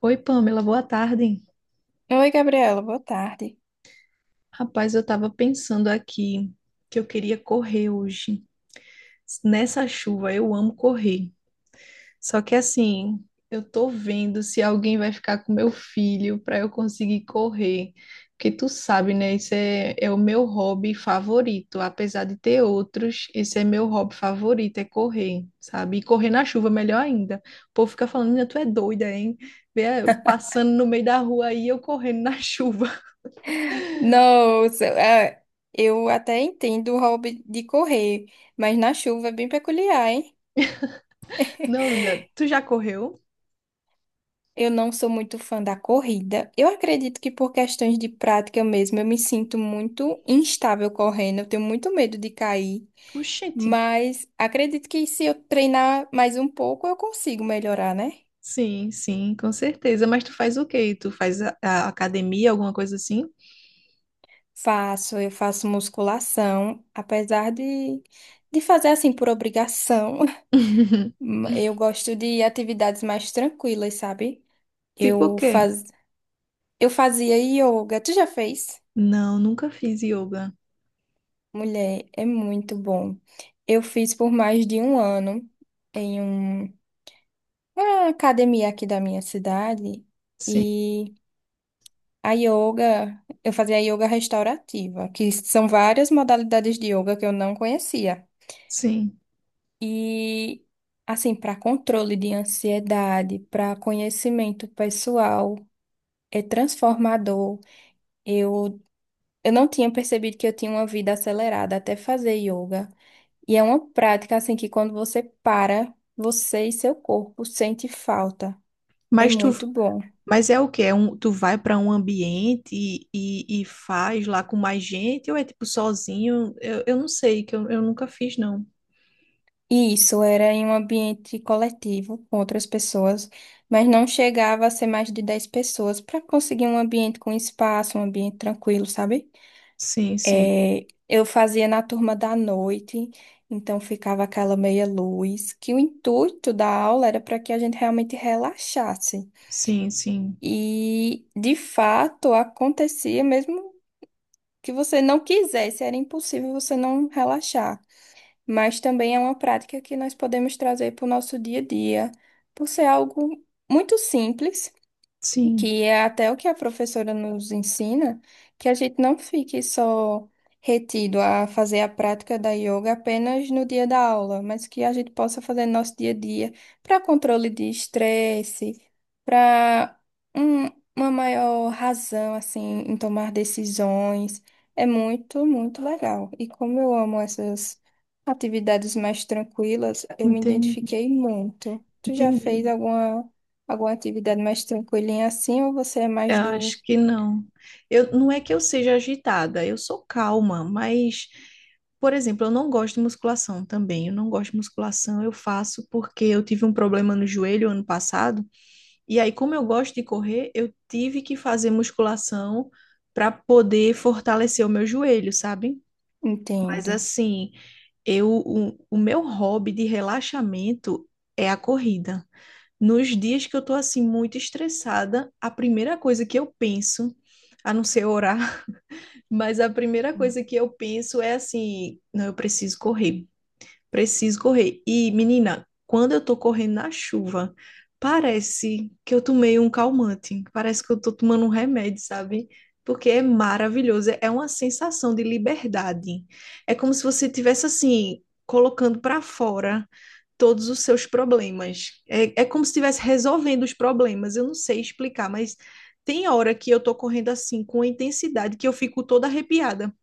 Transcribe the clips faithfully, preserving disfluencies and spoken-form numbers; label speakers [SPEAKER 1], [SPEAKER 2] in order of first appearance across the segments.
[SPEAKER 1] Oi, Pamela, boa tarde.
[SPEAKER 2] Oi, Gabriela, boa tarde.
[SPEAKER 1] Rapaz, eu tava pensando aqui que eu queria correr hoje. Nessa chuva, eu amo correr. Só que assim, eu tô vendo se alguém vai ficar com meu filho para eu conseguir correr. Porque tu sabe, né? Esse é, é o meu hobby favorito. Apesar de ter outros, esse é meu hobby favorito, é correr, sabe? E correr na chuva, melhor ainda. O povo fica falando, "Nina, tu é doida, hein? Vê, eh, Passando no meio da rua aí, eu correndo na chuva.
[SPEAKER 2] Nossa, ah, eu até entendo o hobby de correr, mas na chuva é bem peculiar, hein?
[SPEAKER 1] Não, menina, tu já correu?
[SPEAKER 2] Eu não sou muito fã da corrida. Eu acredito que por questões de prática mesmo, eu me sinto muito instável correndo, eu tenho muito medo de cair,
[SPEAKER 1] Oxente.
[SPEAKER 2] mas acredito que se eu treinar mais um pouco, eu consigo melhorar, né?
[SPEAKER 1] Sim, sim, com certeza. Mas tu faz o quê? Tu faz a, a academia, alguma coisa assim?
[SPEAKER 2] Faço, eu faço musculação, apesar de, de fazer assim por obrigação. Hum, Eu gosto de atividades mais tranquilas, sabe?
[SPEAKER 1] Tipo o
[SPEAKER 2] Eu
[SPEAKER 1] quê?
[SPEAKER 2] faz... eu fazia yoga. Tu já fez?
[SPEAKER 1] Não, nunca fiz yoga.
[SPEAKER 2] Mulher, é muito bom. Eu fiz por mais de um ano em um- uma academia aqui da minha cidade.
[SPEAKER 1] Sim,
[SPEAKER 2] E a yoga, eu fazia yoga restaurativa, que são várias modalidades de yoga que eu não conhecia.
[SPEAKER 1] sim.
[SPEAKER 2] E assim, para controle de ansiedade, para conhecimento pessoal, é transformador. Eu Eu não tinha percebido que eu tinha uma vida acelerada até fazer yoga. E é uma prática assim que quando você para, você e seu corpo sente falta. É
[SPEAKER 1] Mas tu,
[SPEAKER 2] muito bom.
[SPEAKER 1] mas é o quê? É um, tu vai para um ambiente e, e, e faz lá com mais gente ou é tipo sozinho? Eu, eu não sei, que eu, eu nunca fiz, não.
[SPEAKER 2] E isso era em um ambiente coletivo com outras pessoas, mas não chegava a ser mais de dez pessoas para conseguir um ambiente com espaço, um ambiente tranquilo, sabe?
[SPEAKER 1] Sim, sim,
[SPEAKER 2] É, eu fazia na turma da noite, então ficava aquela meia luz, que o intuito da aula era para que a gente realmente relaxasse.
[SPEAKER 1] sim, sim,
[SPEAKER 2] E de fato acontecia mesmo que você não quisesse, era impossível você não relaxar. Mas também é uma prática que nós podemos trazer para o nosso dia a dia, por ser algo muito simples
[SPEAKER 1] sim.
[SPEAKER 2] que é até o que a professora nos ensina, que a gente não fique só retido a fazer a prática da yoga apenas no dia da aula, mas que a gente possa fazer no nosso dia a dia para controle de estresse, para uma maior razão assim em tomar decisões. É muito, muito legal. E como eu amo essas atividades mais tranquilas, eu me
[SPEAKER 1] Entendi,
[SPEAKER 2] identifiquei muito. Tu já
[SPEAKER 1] entendi.
[SPEAKER 2] fez alguma Alguma atividade mais tranquilinha assim ou você é mais
[SPEAKER 1] Eu
[SPEAKER 2] do...
[SPEAKER 1] acho que não. Eu, não é que eu seja agitada, eu sou calma, mas, por exemplo, eu não gosto de musculação também. Eu não gosto de musculação, eu faço porque eu tive um problema no joelho ano passado, e aí, como eu gosto de correr, eu tive que fazer musculação para poder fortalecer o meu joelho, sabe? Mas
[SPEAKER 2] Entendo.
[SPEAKER 1] assim, eu, o, o meu hobby de relaxamento é a corrida. Nos dias que eu tô assim muito estressada, a primeira coisa que eu penso, a não ser orar, mas a primeira coisa que eu penso é assim, não, eu preciso correr preciso correr. E, menina, quando eu tô correndo na chuva, parece que eu tomei um calmante, parece que eu tô tomando um remédio, sabe? Porque é maravilhoso, é uma sensação de liberdade. É como se você tivesse assim, colocando para fora todos os seus problemas. É, é como se estivesse resolvendo os problemas. Eu não sei explicar, mas tem hora que eu tô correndo assim, com intensidade, que eu fico toda arrepiada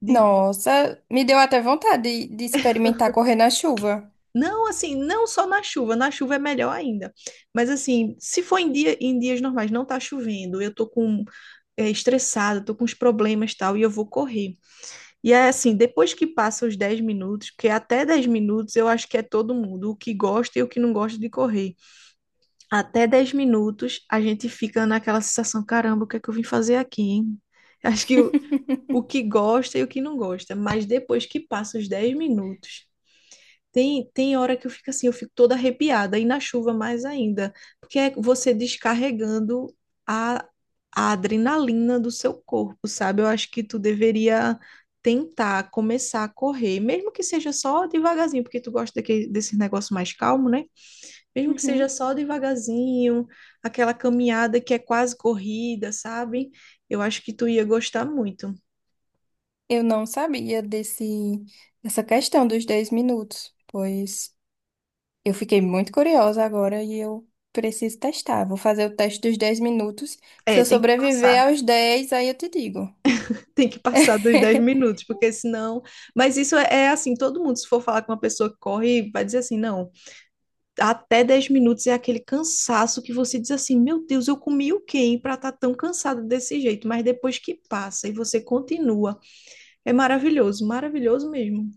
[SPEAKER 1] de.
[SPEAKER 2] Nossa, me deu até vontade de, de experimentar correr na chuva.
[SPEAKER 1] Não, assim, não só na chuva, na chuva é melhor ainda. Mas assim, se for em dia, em dias normais, não tá chovendo, eu tô com é, estressada, tô com os problemas e tal, e eu vou correr. E é assim, depois que passa os dez minutos, porque até dez minutos eu acho que é todo mundo, o que gosta e o que não gosta de correr. Até dez minutos a gente fica naquela sensação, caramba, o que é que eu vim fazer aqui, hein? Acho que o, o que gosta e o que não gosta, mas depois que passa os dez minutos, tem, tem hora que eu fico assim, eu fico toda arrepiada, e na chuva mais ainda, porque é você descarregando a, a adrenalina do seu corpo, sabe? Eu acho que tu deveria tentar começar a correr, mesmo que seja só devagarzinho, porque tu gosta daquele, desse negócio mais calmo, né? Mesmo que seja
[SPEAKER 2] Uhum.
[SPEAKER 1] só devagarzinho, aquela caminhada que é quase corrida, sabe? Eu acho que tu ia gostar muito.
[SPEAKER 2] Eu não sabia desse, dessa questão dos dez minutos, pois eu fiquei muito curiosa agora e eu preciso testar. Vou fazer o teste dos dez minutos. Se
[SPEAKER 1] É,
[SPEAKER 2] eu
[SPEAKER 1] tem que
[SPEAKER 2] sobreviver
[SPEAKER 1] passar.
[SPEAKER 2] aos dez, aí eu te digo.
[SPEAKER 1] Tem que passar dos dez minutos, porque senão. Mas isso é, é assim: todo mundo, se for falar com uma pessoa que corre, vai dizer assim: não, até dez minutos é aquele cansaço que você diz assim: meu Deus, eu comi o quê para estar tão cansado desse jeito? Mas depois que passa e você continua, é maravilhoso, maravilhoso mesmo.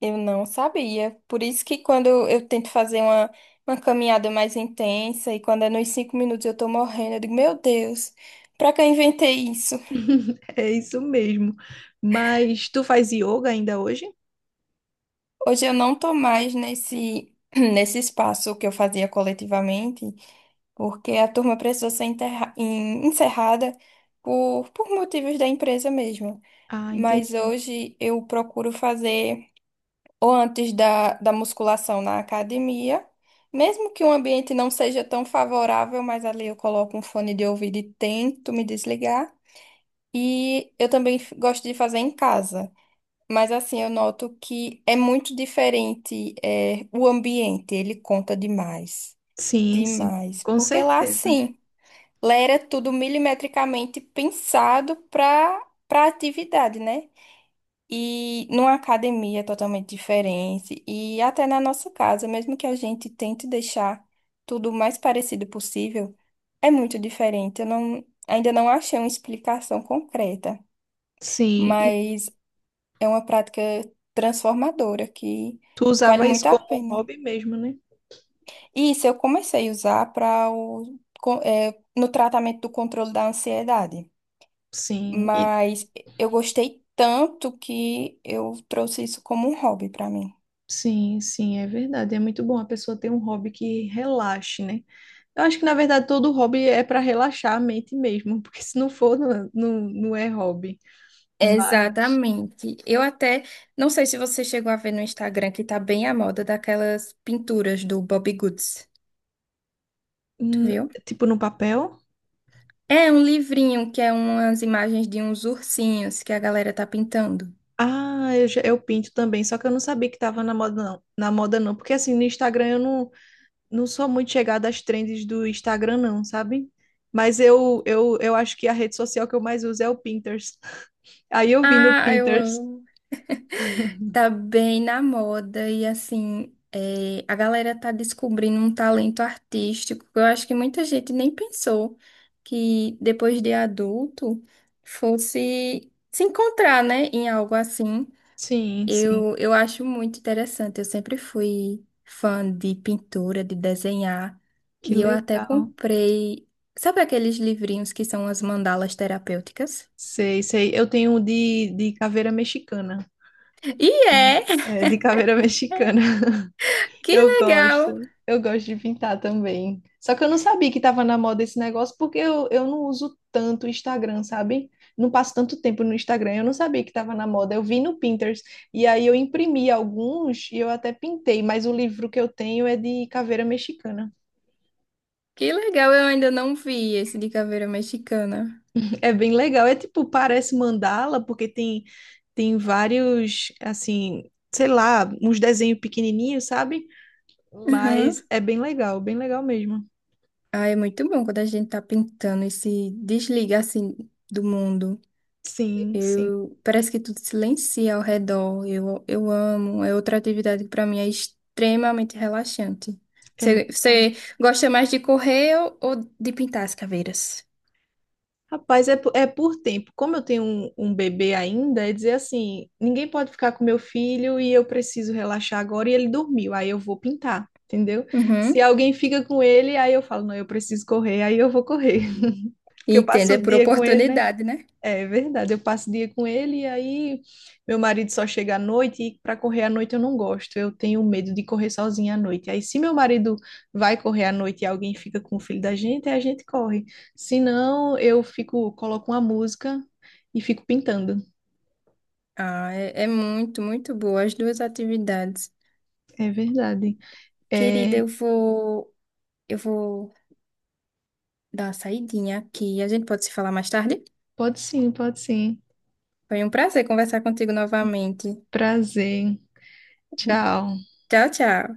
[SPEAKER 2] Eu não sabia. Por isso que quando eu tento fazer uma, uma caminhada mais intensa e quando é nos cinco minutos eu tô morrendo, eu digo, meu Deus, pra que eu inventei isso?
[SPEAKER 1] É isso mesmo. Mas tu faz yoga ainda hoje?
[SPEAKER 2] Hoje eu não tô mais nesse, nesse espaço que eu fazia coletivamente, porque a turma precisou ser enterra- en- encerrada por, por motivos da empresa mesmo.
[SPEAKER 1] Ah,
[SPEAKER 2] Mas
[SPEAKER 1] entendi.
[SPEAKER 2] hoje eu procuro fazer, ou antes da, da musculação na academia. Mesmo que o ambiente não seja tão favorável, mas ali eu coloco um fone de ouvido e tento me desligar. E eu também f- gosto de fazer em casa. Mas assim, eu noto que é muito diferente, é, o ambiente, ele conta demais.
[SPEAKER 1] Sim, sim,
[SPEAKER 2] Demais.
[SPEAKER 1] com
[SPEAKER 2] Porque lá,
[SPEAKER 1] certeza.
[SPEAKER 2] sim, lá era tudo milimetricamente pensado para para atividade, né? E numa academia totalmente diferente. E até na nossa casa, mesmo que a gente tente deixar tudo o mais parecido possível, é muito diferente. Eu não, ainda não achei uma explicação concreta,
[SPEAKER 1] Sim, e
[SPEAKER 2] mas é uma prática transformadora que
[SPEAKER 1] tu
[SPEAKER 2] vale
[SPEAKER 1] usava isso
[SPEAKER 2] muito a
[SPEAKER 1] como
[SPEAKER 2] pena.
[SPEAKER 1] hobby mesmo, né?
[SPEAKER 2] E isso eu comecei a usar para o, con- eh, no tratamento do controle da ansiedade.
[SPEAKER 1] Sim, e
[SPEAKER 2] Mas eu gostei tanto que eu trouxe isso como um hobby para mim.
[SPEAKER 1] Sim, sim, é verdade. É muito bom a pessoa ter um hobby que relaxe, né? Eu acho que, na verdade, todo hobby é para relaxar a mente mesmo, porque se não for, não, não, não é hobby. Mas,
[SPEAKER 2] Exatamente. Eu até não sei se você chegou a ver no Instagram que tá bem à moda daquelas pinturas do Bobbie Goods. Tu
[SPEAKER 1] hum,
[SPEAKER 2] viu?
[SPEAKER 1] tipo, no papel.
[SPEAKER 2] É um livrinho que é umas imagens de uns ursinhos que a galera tá pintando.
[SPEAKER 1] Ah, eu, já- eu pinto também, só que eu não sabia que tava na moda, não. Na moda, não. Porque, assim, no Instagram eu não, não sou muito chegada às trends do Instagram, não, sabe? Mas eu, eu, eu acho que a rede social que eu mais uso é o Pinterest. Aí eu vi no
[SPEAKER 2] Ah, eu
[SPEAKER 1] Pinterest.
[SPEAKER 2] amo. Tá bem na moda e assim, é, a galera tá descobrindo um talento artístico que eu acho que muita gente nem pensou que depois de adulto fosse se encontrar, né, em algo assim.
[SPEAKER 1] Sim, sim.
[SPEAKER 2] Eu, eu acho muito interessante. Eu sempre fui fã de pintura, de desenhar,
[SPEAKER 1] Que
[SPEAKER 2] e eu até
[SPEAKER 1] legal.
[SPEAKER 2] comprei, sabe aqueles livrinhos que são as mandalas terapêuticas?
[SPEAKER 1] Sei, sei. Eu tenho um de, de caveira mexicana.
[SPEAKER 2] E
[SPEAKER 1] Eu-
[SPEAKER 2] é!
[SPEAKER 1] é, de caveira mexicana.
[SPEAKER 2] Que
[SPEAKER 1] Eu
[SPEAKER 2] legal!
[SPEAKER 1] gosto. Eu gosto de pintar também. Só que eu não sabia que estava na moda esse negócio, porque eu, eu não uso tanto o Instagram, sabe? Não passo tanto tempo no Instagram. Eu não sabia que estava na moda. Eu vi no Pinterest. E aí eu imprimi alguns e eu até pintei, mas o livro que eu tenho é de caveira mexicana.
[SPEAKER 2] Que legal! Eu ainda não vi esse de caveira mexicana.
[SPEAKER 1] É bem legal. É tipo, parece mandala, porque tem, tem vários, assim, sei lá, uns desenhos pequenininhos, sabe? Hum.
[SPEAKER 2] Uhum.
[SPEAKER 1] Mas é bem legal, bem legal mesmo.
[SPEAKER 2] Ah, é muito bom quando a gente tá pintando e se desliga assim do mundo.
[SPEAKER 1] Sim, sim.
[SPEAKER 2] Eu, parece que tudo silencia ao redor. Eu, eu amo. É outra atividade que para mim é extremamente relaxante. Você,
[SPEAKER 1] É.
[SPEAKER 2] você gosta mais de correr ou, ou de pintar as caveiras?
[SPEAKER 1] Rapaz, é, po- é por tempo. Como eu tenho um, um bebê ainda, é dizer assim: ninguém pode ficar com meu filho e eu preciso relaxar agora e ele dormiu, aí eu vou pintar, entendeu? Se
[SPEAKER 2] Uhum.
[SPEAKER 1] alguém fica com ele, aí eu falo: não, eu preciso correr, aí eu vou correr. Porque eu
[SPEAKER 2] Entendo,
[SPEAKER 1] passo
[SPEAKER 2] é
[SPEAKER 1] o
[SPEAKER 2] por
[SPEAKER 1] dia com ele, né?
[SPEAKER 2] oportunidade, né?
[SPEAKER 1] É verdade, eu passo o dia com ele e aí meu marido só chega à noite e para correr à noite eu não gosto. Eu tenho medo de correr sozinha à noite. Aí se meu marido vai correr à noite e alguém fica com o filho da gente, aí a gente corre. Se não, eu fico, coloco uma música e fico pintando.
[SPEAKER 2] Ah, é, é muito, muito boa as duas atividades.
[SPEAKER 1] É verdade.
[SPEAKER 2] Querida,
[SPEAKER 1] É,
[SPEAKER 2] eu vou, eu vou dar uma saidinha aqui. A gente pode se falar mais tarde?
[SPEAKER 1] pode sim, pode sim.
[SPEAKER 2] Foi um prazer conversar contigo novamente.
[SPEAKER 1] Prazer. Tchau.
[SPEAKER 2] Tchau, tchau.